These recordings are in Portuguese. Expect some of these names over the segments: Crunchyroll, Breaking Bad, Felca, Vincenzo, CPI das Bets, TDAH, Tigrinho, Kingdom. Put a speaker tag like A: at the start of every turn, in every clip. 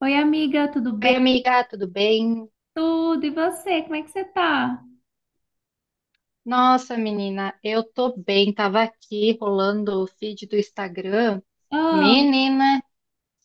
A: Oi, amiga, tudo bem?
B: Oi, amiga, tudo bem?
A: Tudo, e você? Como é que você tá?
B: Nossa, menina, eu tô bem. Tava aqui rolando o feed do Instagram.
A: Ah,
B: Menina,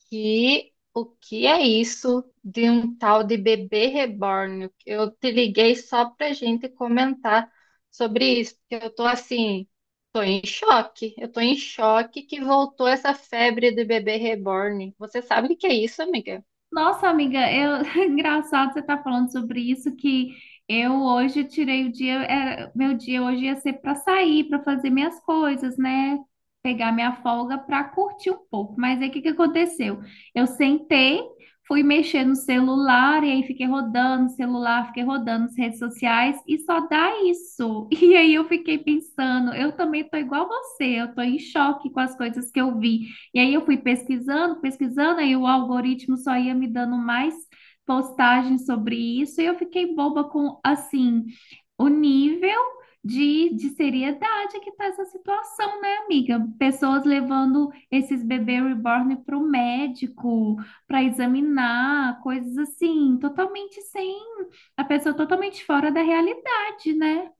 B: que o que é isso de um tal de bebê reborn? Eu te liguei só pra gente comentar sobre isso, porque eu tô assim, tô em choque. Eu tô em choque que voltou essa febre de bebê reborn. Você sabe o que é isso, amiga?
A: nossa, amiga, eu... engraçado você estar falando sobre isso, que eu hoje tirei o dia, meu dia hoje ia ser para sair, para fazer minhas coisas, né? Pegar minha folga para curtir um pouco. Mas aí o que que aconteceu? Eu sentei, fui mexer no celular, e aí fiquei rodando o celular, fiquei rodando as redes sociais, e só dá isso. E aí eu fiquei pensando, eu também tô igual você, eu tô em choque com as coisas que eu vi. E aí eu fui pesquisando, pesquisando, aí o algoritmo só ia me dando mais postagens sobre isso, e eu fiquei boba com, assim, o nível de seriedade que tá essa situação, né, amiga? Pessoas levando esses bebês reborn para o médico, para examinar, coisas assim, totalmente sem, a pessoa totalmente fora da realidade, né?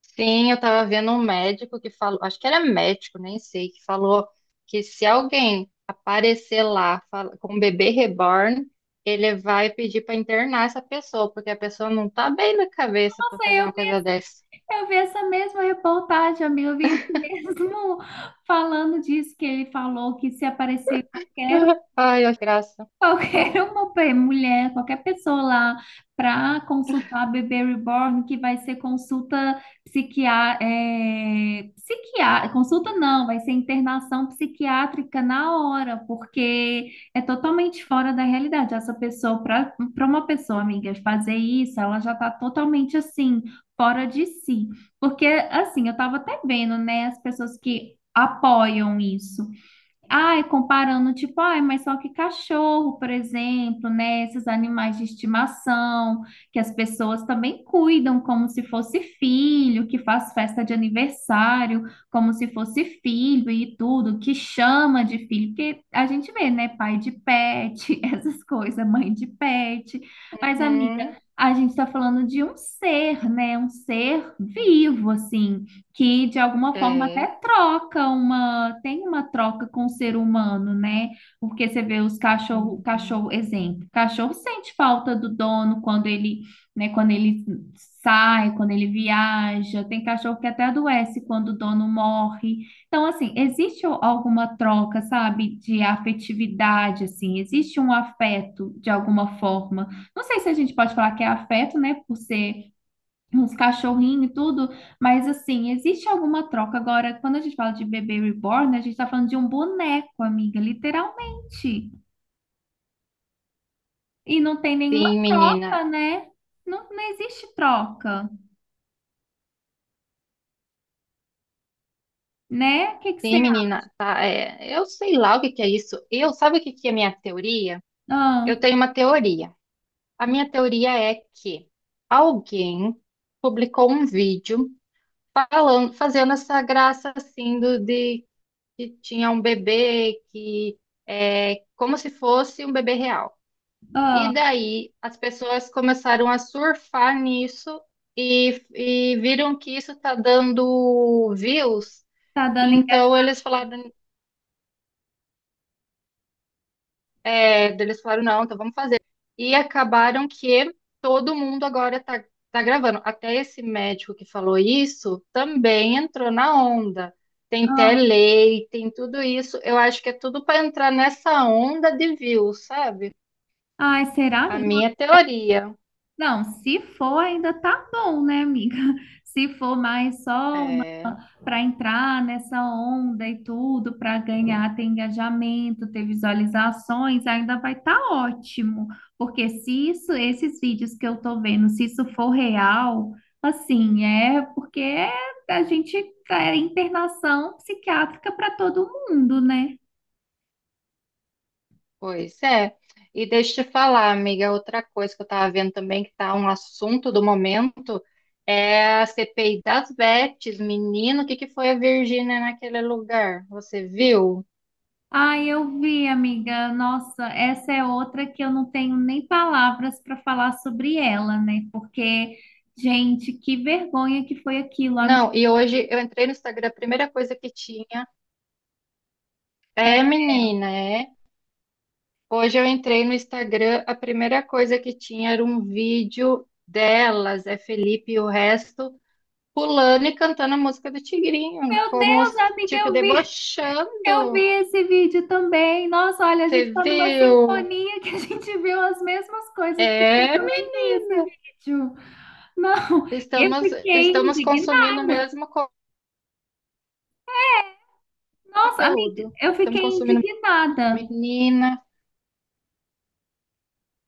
B: Sim, eu tava vendo um médico que falou, acho que era médico, nem sei, que falou que se alguém aparecer lá com um bebê reborn, ele vai pedir pra internar essa pessoa, porque a pessoa não tá bem na cabeça pra fazer
A: Eu
B: uma coisa dessa.
A: Eu vi essa mesma reportagem, amigo. Eu vi esse mesmo falando disso, que ele falou que se aparecer qualquer
B: Ai, olha que graça.
A: qualquer mulher, qualquer pessoa lá para consultar a bebê reborn, que vai ser consulta não, vai ser internação psiquiátrica na hora, porque é totalmente fora da realidade. Essa pessoa, para uma pessoa, amiga, fazer isso, ela já está totalmente assim, fora de si. Porque, assim, eu estava até vendo, né, as pessoas que apoiam isso. Ai, comparando, tipo, ai, mas só que cachorro, por exemplo, né? Esses animais de estimação, que as pessoas também cuidam como se fosse filho, que faz festa de aniversário como se fosse filho e tudo, que chama de filho, porque a gente vê, né? Pai de pet, essas coisas, mãe de pet. Mas, amiga,
B: Uhum,
A: a gente tá falando de um ser, né? Um ser vivo, assim, que de alguma forma até
B: é.
A: troca uma, tem uma troca com o ser humano, né? Porque você vê os cachorro, cachorro,
B: Uhum.
A: exemplo, cachorro sente falta do dono quando ele, né, quando ele sai, quando ele viaja, tem cachorro que até adoece quando o dono morre. Então, assim, existe alguma troca, sabe, de afetividade, assim, existe um afeto de alguma forma. Não sei se a gente pode falar que é afeto, né, por ser uns cachorrinhos e tudo, mas assim, existe alguma troca. Agora, quando a gente fala de bebê reborn, a gente tá falando de um boneco, amiga, literalmente. E não tem nenhuma
B: Sim,
A: troca,
B: menina.
A: né? Não, não existe troca, né? O que que você
B: Sim,
A: acha?
B: menina. Tá, é, eu sei lá o que que é isso. Eu, sabe o que que é minha teoria?
A: Ah,
B: Eu tenho uma teoria. A minha teoria é que alguém publicou um vídeo falando, fazendo essa graça assim do, de que tinha um bebê que é como se fosse um bebê real.
A: ah,
B: E daí as pessoas começaram a surfar nisso e viram que isso está dando views.
A: tá dando
B: Então eles
A: engajamento.
B: falaram, É, daí eles falaram, não, então vamos fazer. E acabaram que todo mundo agora tá gravando. Até esse médico que falou isso também entrou na onda. Tem
A: Ah,
B: telei, tem tudo isso. Eu acho que é tudo para entrar nessa onda de views, sabe?
A: ai, será,
B: A
A: amiga?
B: minha teoria.
A: Não, se for ainda tá bom, né, amiga? Se for mais só
B: É,
A: para entrar nessa onda e tudo, para ganhar, ter engajamento, ter visualizações, ainda vai estar ótimo. Porque se isso, esses vídeos que eu estou vendo, se isso for real, assim, é porque a gente é internação psiquiátrica para todo mundo, né?
B: pois é. E deixa eu te falar, amiga, outra coisa que eu estava vendo também, que está um assunto do momento, é a CPI das Bets. Menino, o que que foi a Virgínia naquele lugar? Você viu?
A: Ai, eu vi, amiga. Nossa, essa é outra que eu não tenho nem palavras para falar sobre ela, né? Porque, gente, que vergonha que foi aquilo, amiga.
B: Não, e hoje eu entrei no Instagram, a primeira coisa que tinha. É, menina, é. Hoje eu entrei no Instagram, a primeira coisa que tinha era um vídeo delas, é Felipe e o resto, pulando e cantando a música do Tigrinho,
A: Meu
B: como,
A: Deus, amiga,
B: tipo,
A: eu vi
B: debochando.
A: esse vídeo também. Nossa, olha, a gente
B: Você
A: tá numa
B: viu?
A: sintonia que a gente viu as mesmas coisas, porque eu
B: É,
A: também
B: mi-
A: vi esse vídeo. Não, eu
B: estamos,
A: fiquei
B: estamos consumindo o
A: indignada.
B: mesmo
A: Nossa, amiga,
B: conteúdo.
A: eu
B: Estamos
A: fiquei
B: consumindo.
A: indignada.
B: Menina,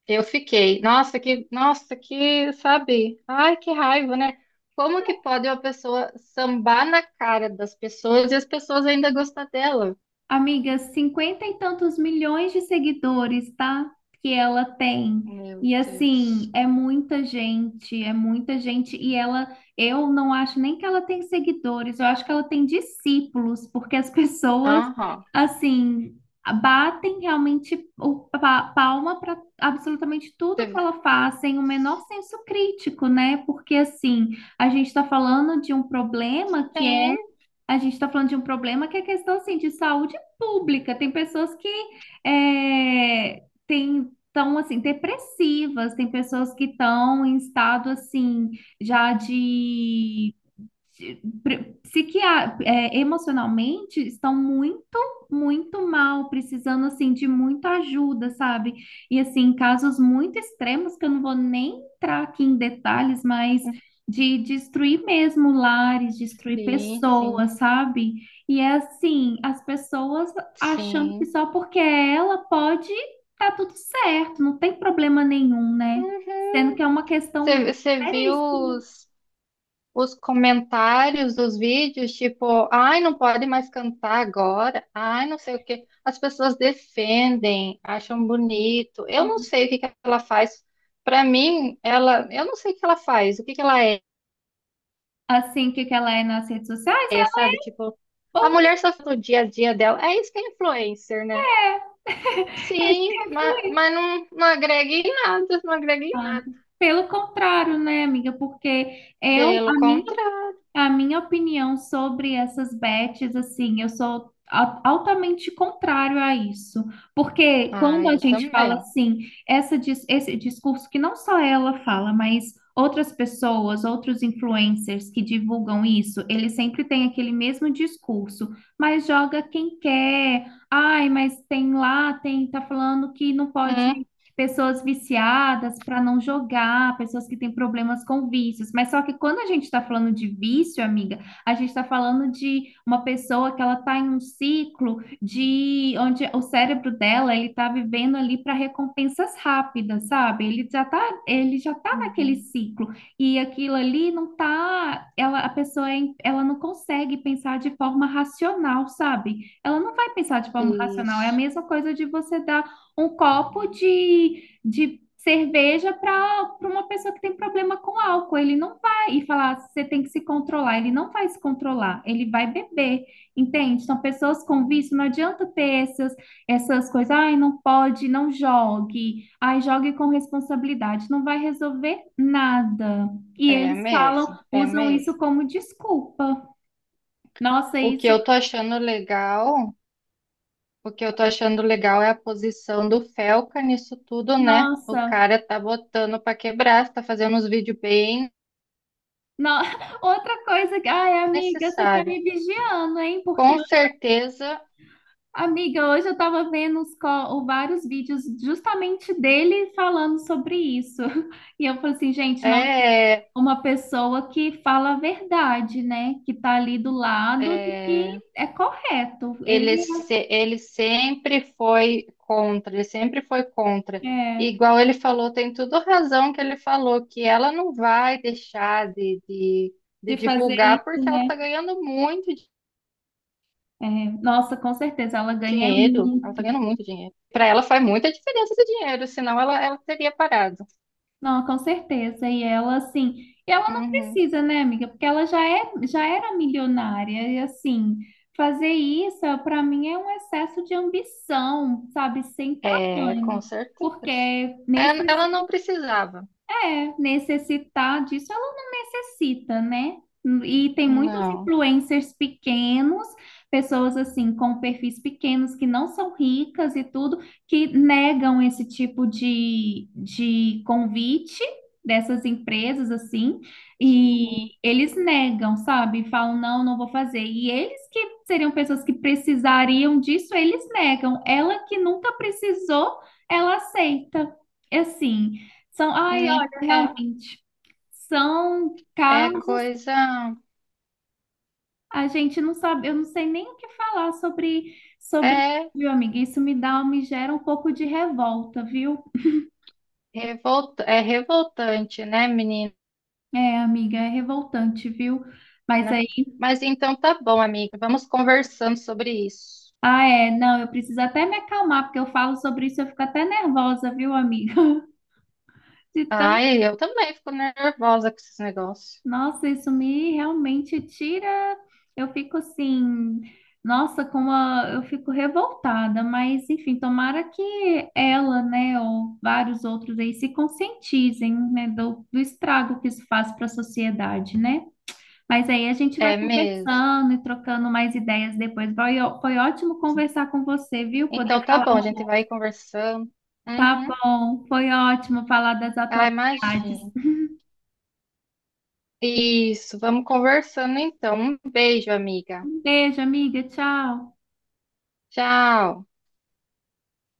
B: eu fiquei. Nossa, que, sabe? Ai, que raiva, né? Como que pode uma pessoa sambar na cara das pessoas e as pessoas ainda gostar dela?
A: Amiga, cinquenta e tantos milhões de seguidores, tá? Que ela tem.
B: Meu
A: E assim,
B: Deus.
A: é muita gente, é muita gente. E ela, eu não acho nem que ela tem seguidores, eu acho que ela tem discípulos, porque as pessoas,
B: Aham.
A: assim, batem realmente palma para absolutamente tudo que
B: Você-
A: ela faz, sem o menor senso crítico, né? Porque assim, a gente está falando de um problema que é
B: Sim,
A: a gente está falando de um problema que é questão assim, de saúde pública. Tem pessoas que é, têm estão assim depressivas, tem pessoas que estão em estado assim já de emocionalmente estão muito, muito mal, precisando assim de muita ajuda, sabe? E assim, casos muito extremos que eu não vou nem entrar aqui em detalhes, mas de destruir mesmo lares, destruir
B: sim,
A: pessoas,
B: sim,
A: sabe? E é assim, as pessoas achando que
B: sim.
A: só porque ela pode tá tudo certo, não tem problema nenhum, né?
B: Uhum.
A: Sendo que é uma
B: Você
A: questão
B: você viu
A: seríssima, né?
B: os comentários dos vídeos, tipo, ai, não pode mais cantar agora, ai, não sei o quê. As pessoas defendem, acham bonito. Eu não sei o que que ela faz. Pra mim, ela, eu não sei o que ela faz, o que que ela é,
A: Assim, o que que ela é nas redes sociais,
B: é,
A: ela
B: sabe? Tipo,
A: é uma
B: a
A: boa
B: mulher só fala do dia a dia dela. É isso que é influencer, né?
A: mulher. Esse
B: Sim,
A: é
B: mas, não agrega em nada, não agrega em nada.
A: influenciado. Pelo contrário, né, amiga? Porque eu,
B: Pelo contrário.
A: a minha opinião sobre essas bets, assim, eu sou altamente contrário a isso, porque
B: Ah,
A: quando a
B: eu
A: gente fala
B: também.
A: assim, esse discurso que não só ela fala, mas outras pessoas, outros influencers que divulgam isso, eles sempre têm aquele mesmo discurso, mas joga quem quer. Ai, mas tem lá, tem, tá falando que não
B: Hum,
A: pode pessoas viciadas para não jogar, pessoas que têm problemas com vícios. Mas só que quando a gente está falando de vício, amiga, a gente está falando de uma pessoa que ela está em um ciclo de onde o cérebro dela ele está vivendo ali para recompensas rápidas, sabe? Ele já tá naquele
B: uhum.
A: ciclo e aquilo ali não tá, ela, a pessoa é in- ela não consegue pensar de forma racional, sabe? Ela não vai pensar de forma racional. É a
B: Isso.
A: mesma coisa de você dar um copo de cerveja para uma pessoa que tem problema com álcool. Ele não vai e falar, você tem que se controlar. Ele não vai se controlar, ele vai beber, entende? Então, pessoas com vício, não adianta ter essas, essas coisas, ai, não pode, não jogue, ai, jogue com responsabilidade. Não vai resolver nada. E
B: É
A: eles falam,
B: mesmo, é
A: usam isso
B: mesmo.
A: como desculpa. Nossa,
B: O que
A: isso,
B: eu tô achando legal, o que eu tô achando legal é a posição do Felca nisso tudo, né? O
A: nossa.
B: cara tá botando pra quebrar, tá fazendo uns vídeos bem
A: Não, outra coisa que, ai, amiga, você tá
B: necessários.
A: me vigiando, hein? Porque
B: Com
A: hoje,
B: certeza
A: amiga, hoje eu tava vendo vários vídeos justamente dele falando sobre isso. E eu falei assim, gente, não,
B: é,
A: uma pessoa que fala a verdade, né? Que tá ali do lado do que
B: é,
A: é correto. Ele
B: ele, ele sempre foi contra, ele sempre foi contra.
A: é
B: Igual ele falou, tem tudo razão que ele falou, que ela não vai deixar de
A: de fazer
B: divulgar
A: isso,
B: porque ela
A: né?
B: tá ganhando muito
A: É, nossa, com certeza, ela ganha
B: dinheiro, ela
A: muito.
B: tá ganhando muito dinheiro. Pra ela faz muita diferença esse dinheiro, senão ela, ela teria parado.
A: Não, com certeza. E ela, assim, e ela não
B: Uhum.
A: precisa, né, amiga? Porque ela já é, já era milionária. E, assim, fazer isso, para mim, é um excesso de ambição, sabe? Sem
B: É, com
A: tamanho.
B: certeza.
A: Porque nesse
B: É, ela não precisava.
A: é, necessitar disso, ela não necessita, né? E tem muitos
B: Não.
A: influencers pequenos, pessoas assim, com perfis pequenos, que não são ricas e tudo, que negam esse tipo de convite dessas empresas, assim, e eles negam, sabe? Falam, não, não vou fazer. E eles que seriam pessoas que precisariam disso, eles negam. Ela que nunca precisou, ela aceita. Assim. São, ai,
B: Né,
A: realmente. São
B: é, é
A: casos,
B: coisa.
A: a gente não sabe, eu não sei nem o que falar sobre, sobre,
B: É,
A: viu, amiga? Isso me dá, me gera um pouco de revolta, viu?
B: revolta, é revoltante, né, menina?
A: É, amiga, é revoltante, viu? Mas aí,
B: Mas então tá bom, amiga. Vamos conversando sobre isso.
A: ah, é, não, eu preciso até me acalmar, porque eu falo sobre isso, eu fico até nervosa, viu, amiga? De
B: Ai, eu também fico nervosa com esses negócios.
A: nossa, isso me realmente tira. Eu fico assim, nossa, eu fico revoltada, mas enfim, tomara que ela, né, ou vários outros aí se conscientizem, né, do estrago que isso faz para a sociedade, né? Mas aí a gente vai
B: É mesmo.
A: conversando e trocando mais ideias depois. Foi ótimo conversar com você, viu? Poder
B: Então tá
A: falar
B: bom, a
A: um
B: gente
A: pouco.
B: vai conversando.
A: Tá
B: Uhum.
A: bom, foi ótimo falar das
B: Ah,
A: atualidades.
B: imagina. Isso, vamos conversando então. Um beijo, amiga.
A: Um beijo, amiga, tchau.
B: Tchau.